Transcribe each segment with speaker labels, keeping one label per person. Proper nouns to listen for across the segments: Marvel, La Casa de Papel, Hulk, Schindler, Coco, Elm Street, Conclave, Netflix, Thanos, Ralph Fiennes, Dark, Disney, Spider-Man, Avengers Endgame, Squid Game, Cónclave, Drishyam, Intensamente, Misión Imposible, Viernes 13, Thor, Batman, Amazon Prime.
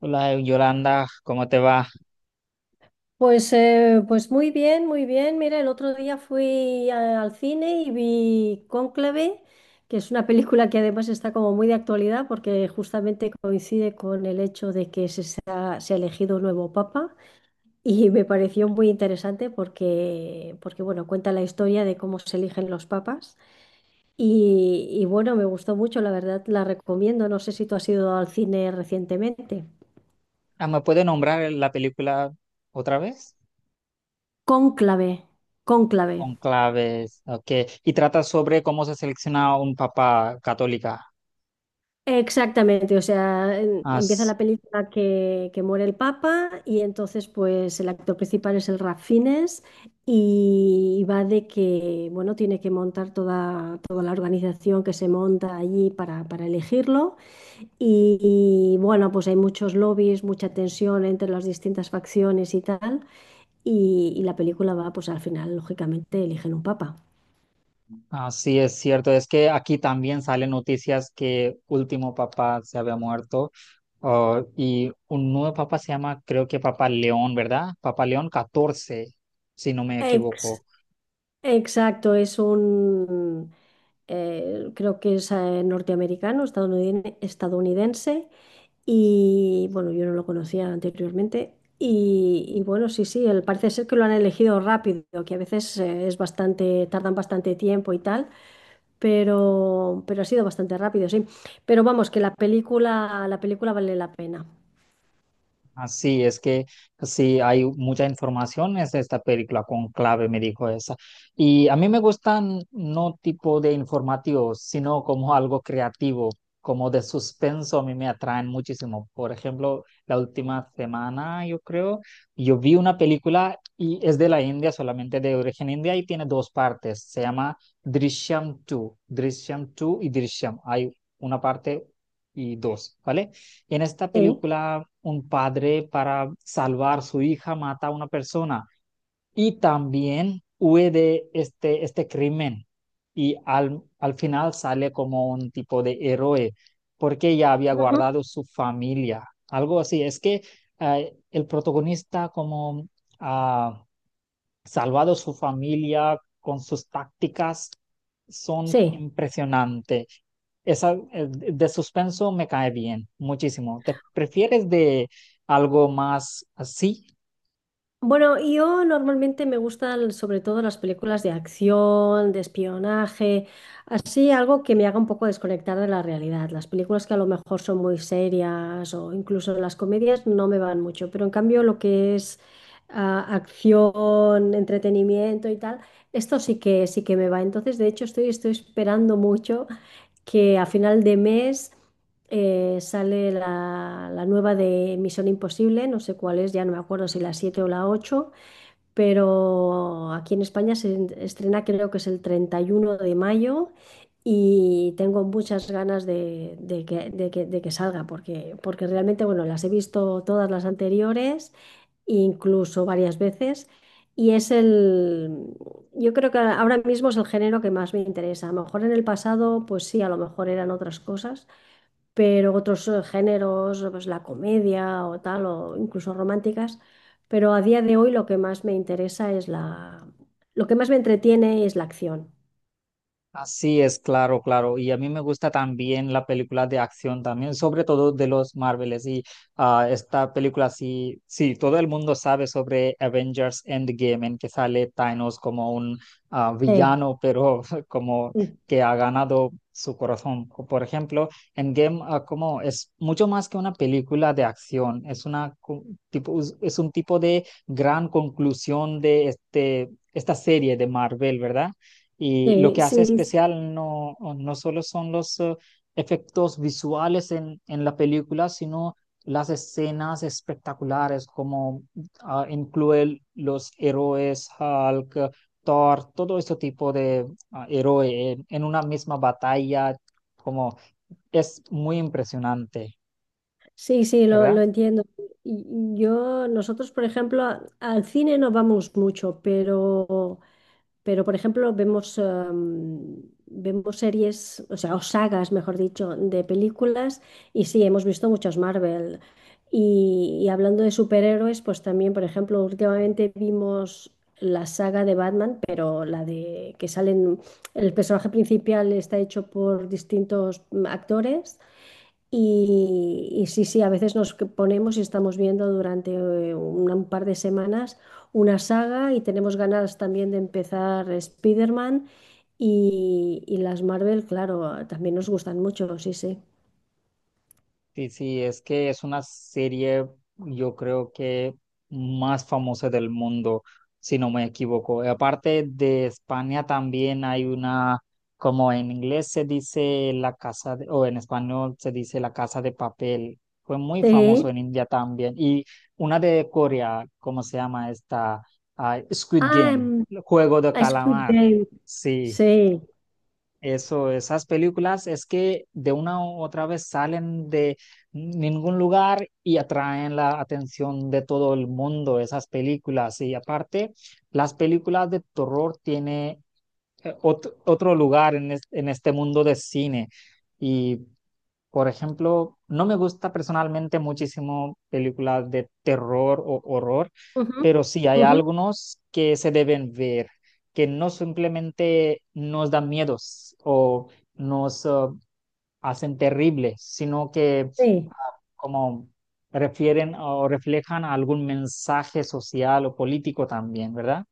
Speaker 1: Hola Yolanda, ¿cómo te va?
Speaker 2: Pues muy bien, muy bien. Mira, el otro día al cine y vi Cónclave, que es una película que además está como muy de actualidad porque justamente coincide con el hecho de que se ha elegido un nuevo papa y me pareció muy interesante porque bueno, cuenta la historia de cómo se eligen los papas y bueno, me gustó mucho, la verdad la recomiendo. No sé si tú has ido al cine recientemente.
Speaker 1: Ah, ¿me puede nombrar la película otra vez?
Speaker 2: Cónclave, Cónclave.
Speaker 1: Conclaves, ok. Y trata sobre cómo se selecciona un papa católica.
Speaker 2: Exactamente, o sea, empieza
Speaker 1: As-
Speaker 2: la película que muere el Papa y entonces pues el actor principal es el Ralph Fiennes y va de que, bueno, tiene que montar toda la organización que se monta allí para elegirlo y, bueno, pues hay muchos lobbies, mucha tensión entre las distintas facciones y tal y la película va pues al final, lógicamente, eligen un Papa.
Speaker 1: Así es cierto, es que aquí también salen noticias que último papa se había muerto, y un nuevo papa se llama, creo que Papa León, ¿verdad? Papa León 14, si no me equivoco.
Speaker 2: Exacto, creo que es norteamericano, estadounidense, y bueno, yo no lo conocía anteriormente. Bueno, sí, sí, él parece ser que lo han elegido rápido, que a veces es bastante, tardan bastante tiempo y tal, pero ha sido bastante rápido, sí. Pero vamos, que la película vale la pena.
Speaker 1: Así es que pues sí, hay mucha información en esta película, Conclave me dijo esa. Y a mí me gustan no tipo de informativos, sino como algo creativo, como de suspenso, a mí me atraen muchísimo. Por ejemplo, la última semana, yo creo, yo vi una película y es de la India, solamente de origen india y tiene dos partes. Se llama Drishyam 2, Drishyam 2 y Drishyam. Hay una parte y dos, ¿vale? En esta
Speaker 2: Sí.
Speaker 1: película, un padre para salvar a su hija mata a una persona y también huye de este crimen y al final sale como un tipo de héroe porque ya había
Speaker 2: Ujú.
Speaker 1: guardado su familia, algo así. Es que el protagonista como ah, salvado su familia con sus tácticas son
Speaker 2: Sí.
Speaker 1: impresionantes. Esa de suspenso me cae bien, muchísimo. ¿Te prefieres de algo más así?
Speaker 2: Bueno, yo normalmente me gustan sobre todo las películas de acción, de espionaje, así algo que me haga un poco desconectar de la realidad. Las películas que a lo mejor son muy serias o incluso las comedias no me van mucho, pero en cambio lo que es acción, entretenimiento y tal, esto sí que me va. Entonces, de hecho, estoy esperando mucho que a final de mes sale la nueva de Misión Imposible, no sé cuál es, ya no me acuerdo si la 7 o la 8, pero aquí en España estrena creo que es el 31 de mayo y tengo muchas ganas de que salga, porque realmente, bueno, las he visto todas las anteriores, incluso varias veces. Y es el, yo creo que ahora mismo es el género que más me interesa. A lo mejor en el pasado, pues sí, a lo mejor eran otras cosas, pero otros géneros, pues la comedia o tal, o incluso románticas, pero a día de hoy lo que más me entretiene es la acción.
Speaker 1: Así es, claro, claro. Y a mí me gusta también la película de acción también, sobre todo de los Marvels. Y esta película sí, sí, todo el mundo sabe sobre Avengers Endgame, en que sale Thanos como un
Speaker 2: Sí,
Speaker 1: villano, pero como
Speaker 2: sí,
Speaker 1: que ha ganado su corazón. O, por ejemplo, Endgame, como es mucho más que una película de acción, es una tipo, es un tipo de gran conclusión de este, esta serie de Marvel, ¿verdad? Y lo
Speaker 2: sí,
Speaker 1: que hace
Speaker 2: sí,
Speaker 1: especial no, no solo son los efectos visuales en la película, sino las escenas espectaculares, como incluye los héroes: Hulk, Thor, todo este tipo de héroe en una misma batalla, como es muy impresionante,
Speaker 2: sí, sí, lo
Speaker 1: ¿verdad?
Speaker 2: entiendo. Yo, nosotros, por ejemplo, al cine no vamos mucho, pero, por ejemplo, vemos, vemos series, o sea, o sagas, mejor dicho, de películas, y sí, hemos visto muchas Marvel. Y hablando de superhéroes, pues también, por ejemplo, últimamente vimos la saga de Batman, pero la de que salen, el personaje principal está hecho por distintos actores y sí, sí, a veces ponemos y estamos viendo durante un par de semanas una saga y tenemos ganas también de empezar Spider-Man y las Marvel, claro, también nos gustan mucho, sí, sí.
Speaker 1: Sí, sí, es que es una serie, yo creo que más famosa del mundo, si no me equivoco. Y aparte de España también hay una, como en inglés se dice la casa, o en español se dice la casa de papel. Fue muy famoso
Speaker 2: Sí.
Speaker 1: en India también. Y una de Corea, ¿cómo se llama esta? Ah, Squid
Speaker 2: Ah,
Speaker 1: Game, el juego de
Speaker 2: a Squid
Speaker 1: calamar.
Speaker 2: Game. Sí.
Speaker 1: Sí. Eso, esas películas es que de una u otra vez salen de ningún lugar y atraen la atención de todo el mundo, esas películas. Y aparte, las películas de terror tienen otro lugar en este mundo de cine. Y por ejemplo, no me gusta personalmente muchísimo películas de terror o horror,
Speaker 2: Ujú,
Speaker 1: pero sí hay
Speaker 2: ujú,
Speaker 1: algunos que se deben ver, que no simplemente nos dan miedos o nos hacen terribles, sino que
Speaker 2: sí.
Speaker 1: como refieren o reflejan algún mensaje social o político también, ¿verdad?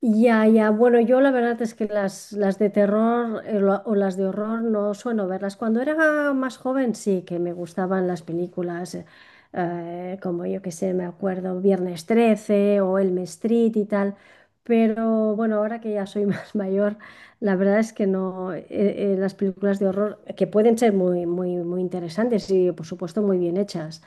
Speaker 2: Ya, ya. Bueno, yo la verdad es que las de terror o las de horror no suelo verlas. Cuando era más joven sí que me gustaban las películas, como yo que sé, me acuerdo, Viernes 13 o Elm Street y tal. Pero bueno, ahora que ya soy más mayor, la verdad es que no, las películas de horror, que pueden ser muy, muy, muy interesantes y por supuesto muy bien hechas,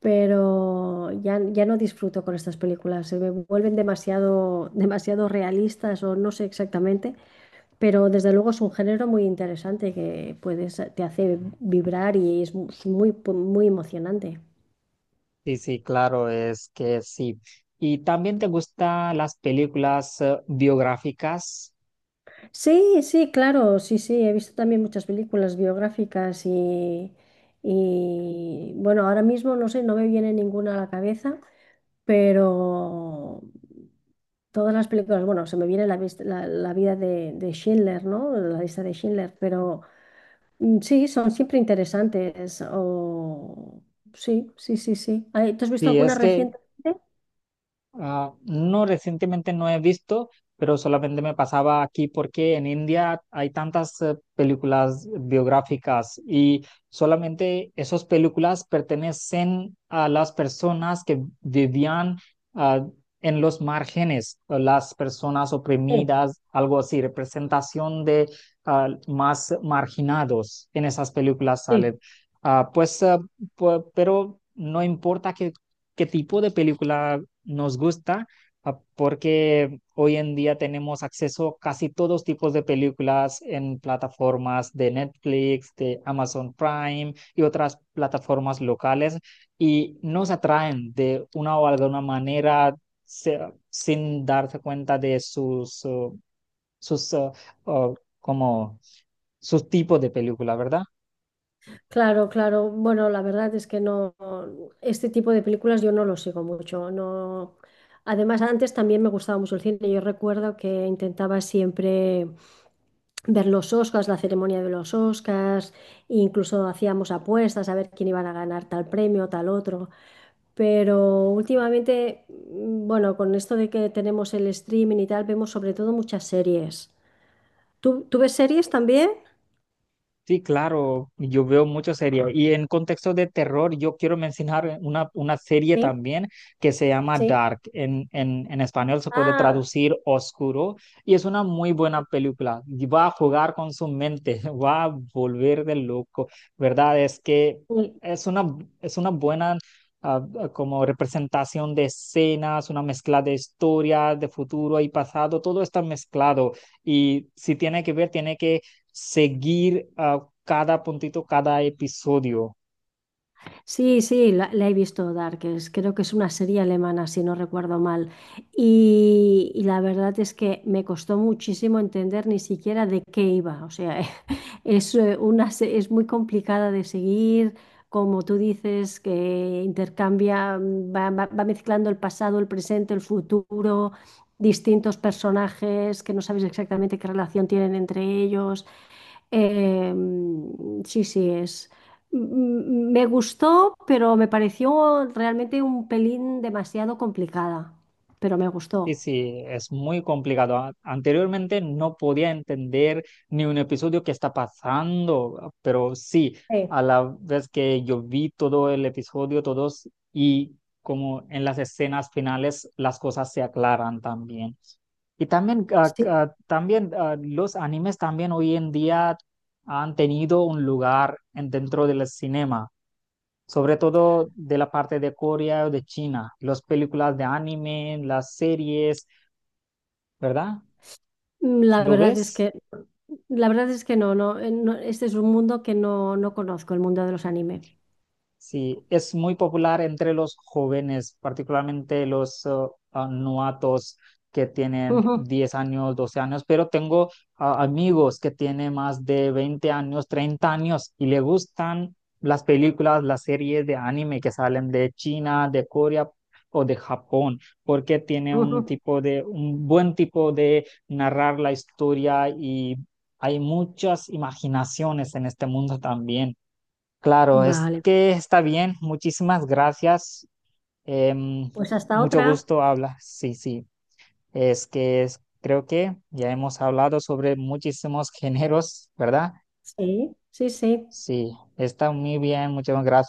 Speaker 2: pero ya no disfruto con estas películas, se me vuelven demasiado, demasiado realistas o no sé exactamente, pero desde luego es un género muy interesante que puedes, te hace vibrar y es es muy, muy emocionante.
Speaker 1: Sí, sí, claro, es que sí. ¿Y también te gustan las películas biográficas?
Speaker 2: Sí, sí, claro, sí, sí, he visto también muchas películas biográficas y bueno, ahora mismo no sé, no me viene ninguna a la cabeza, pero todas las películas, bueno, se me viene la vida de Schindler, ¿no? La lista de Schindler, pero sí, son siempre interesantes. O... Sí, sí, sí, sí. Ay, ¿tú has visto
Speaker 1: Sí,
Speaker 2: alguna
Speaker 1: es que
Speaker 2: reciente?
Speaker 1: ah, no, recientemente no he visto, pero solamente me pasaba aquí porque en India hay tantas películas biográficas y solamente esas películas pertenecen a las personas que vivían, ah, en los márgenes, o las personas
Speaker 2: Sí,
Speaker 1: oprimidas, algo así, representación de más marginados en esas películas
Speaker 2: sí.
Speaker 1: salen. Ah, pues, pero no importa qué tipo de película nos gusta, porque hoy en día tenemos acceso a casi todos tipos de películas en plataformas de Netflix, de Amazon Prime y otras plataformas locales y nos atraen de una o alguna manera se- sin darse cuenta de sus, sus uh, como sus tipos de película, ¿verdad?
Speaker 2: Claro, claro. Bueno, la verdad es que no, este tipo de películas yo no lo sigo mucho. No. Además, antes también me gustaba mucho el cine. Yo recuerdo que intentaba siempre ver los Oscars, la ceremonia de los Oscars, e incluso hacíamos apuestas a ver quién iban a ganar tal premio, tal otro. Pero últimamente, bueno, con esto de que tenemos el streaming y tal, vemos sobre todo muchas series. Tú ves series también?
Speaker 1: Sí, claro, yo veo muchas series. Y en contexto de terror, yo quiero mencionar una serie
Speaker 2: Sí,
Speaker 1: también que se llama
Speaker 2: sí.
Speaker 1: Dark. En español se puede
Speaker 2: Ah,
Speaker 1: traducir oscuro y es una muy buena película. Y va a jugar con su mente, va a volver de loco, ¿verdad? Es que
Speaker 2: sí.
Speaker 1: es una, es una buena, como representación de escenas, una mezcla de historias, de futuro y pasado, todo está mezclado. Y si tiene que ver, tiene que seguir, cada puntito, cada episodio.
Speaker 2: Sí, sí, la he visto Dark, es creo que es una serie alemana, si no recuerdo mal. Y la verdad es que me costó muchísimo entender ni siquiera de qué iba. O sea, es, es muy complicada de seguir. Como tú dices, que intercambia, va mezclando el pasado, el presente, el futuro, distintos personajes que no sabes exactamente qué relación tienen entre ellos. Sí, sí, es. Me gustó, pero me pareció realmente un pelín demasiado complicada, pero me
Speaker 1: Sí,
Speaker 2: gustó.
Speaker 1: sí, es muy complicado. Anteriormente no podía entender ni un episodio que está pasando, pero sí,
Speaker 2: Sí.
Speaker 1: a la vez que yo vi todo el episodio, todos, y como en las escenas finales, las cosas se aclaran también. Y también,
Speaker 2: Sí,
Speaker 1: también los animes también hoy en día han tenido un lugar dentro del cinema, sobre todo de la parte de Corea o de China, las películas de anime, las series, ¿verdad?
Speaker 2: mm, la
Speaker 1: ¿Lo
Speaker 2: verdad es
Speaker 1: ves?
Speaker 2: que, la verdad es que no, no, no, este es un mundo que no, no conozco, el mundo de los anime.
Speaker 1: Sí, es muy popular entre los jóvenes, particularmente los novatos que tienen
Speaker 2: Ujú,
Speaker 1: 10 años, 12 años, pero tengo amigos que tienen más de 20 años, 30 años y le gustan las películas, las series de anime que salen de China, de Corea o de Japón, porque tiene un
Speaker 2: ujú.
Speaker 1: tipo de, un buen tipo de narrar la historia y hay muchas imaginaciones en este mundo también. Claro, es
Speaker 2: Vale,
Speaker 1: que está bien. Muchísimas gracias. Em,
Speaker 2: pues hasta
Speaker 1: mucho
Speaker 2: otra.
Speaker 1: gusto hablar. Sí, sí. Es que creo que ya hemos hablado sobre muchísimos géneros, ¿verdad?
Speaker 2: Sí, sí, sí.
Speaker 1: Sí, está muy bien. Muchas gracias.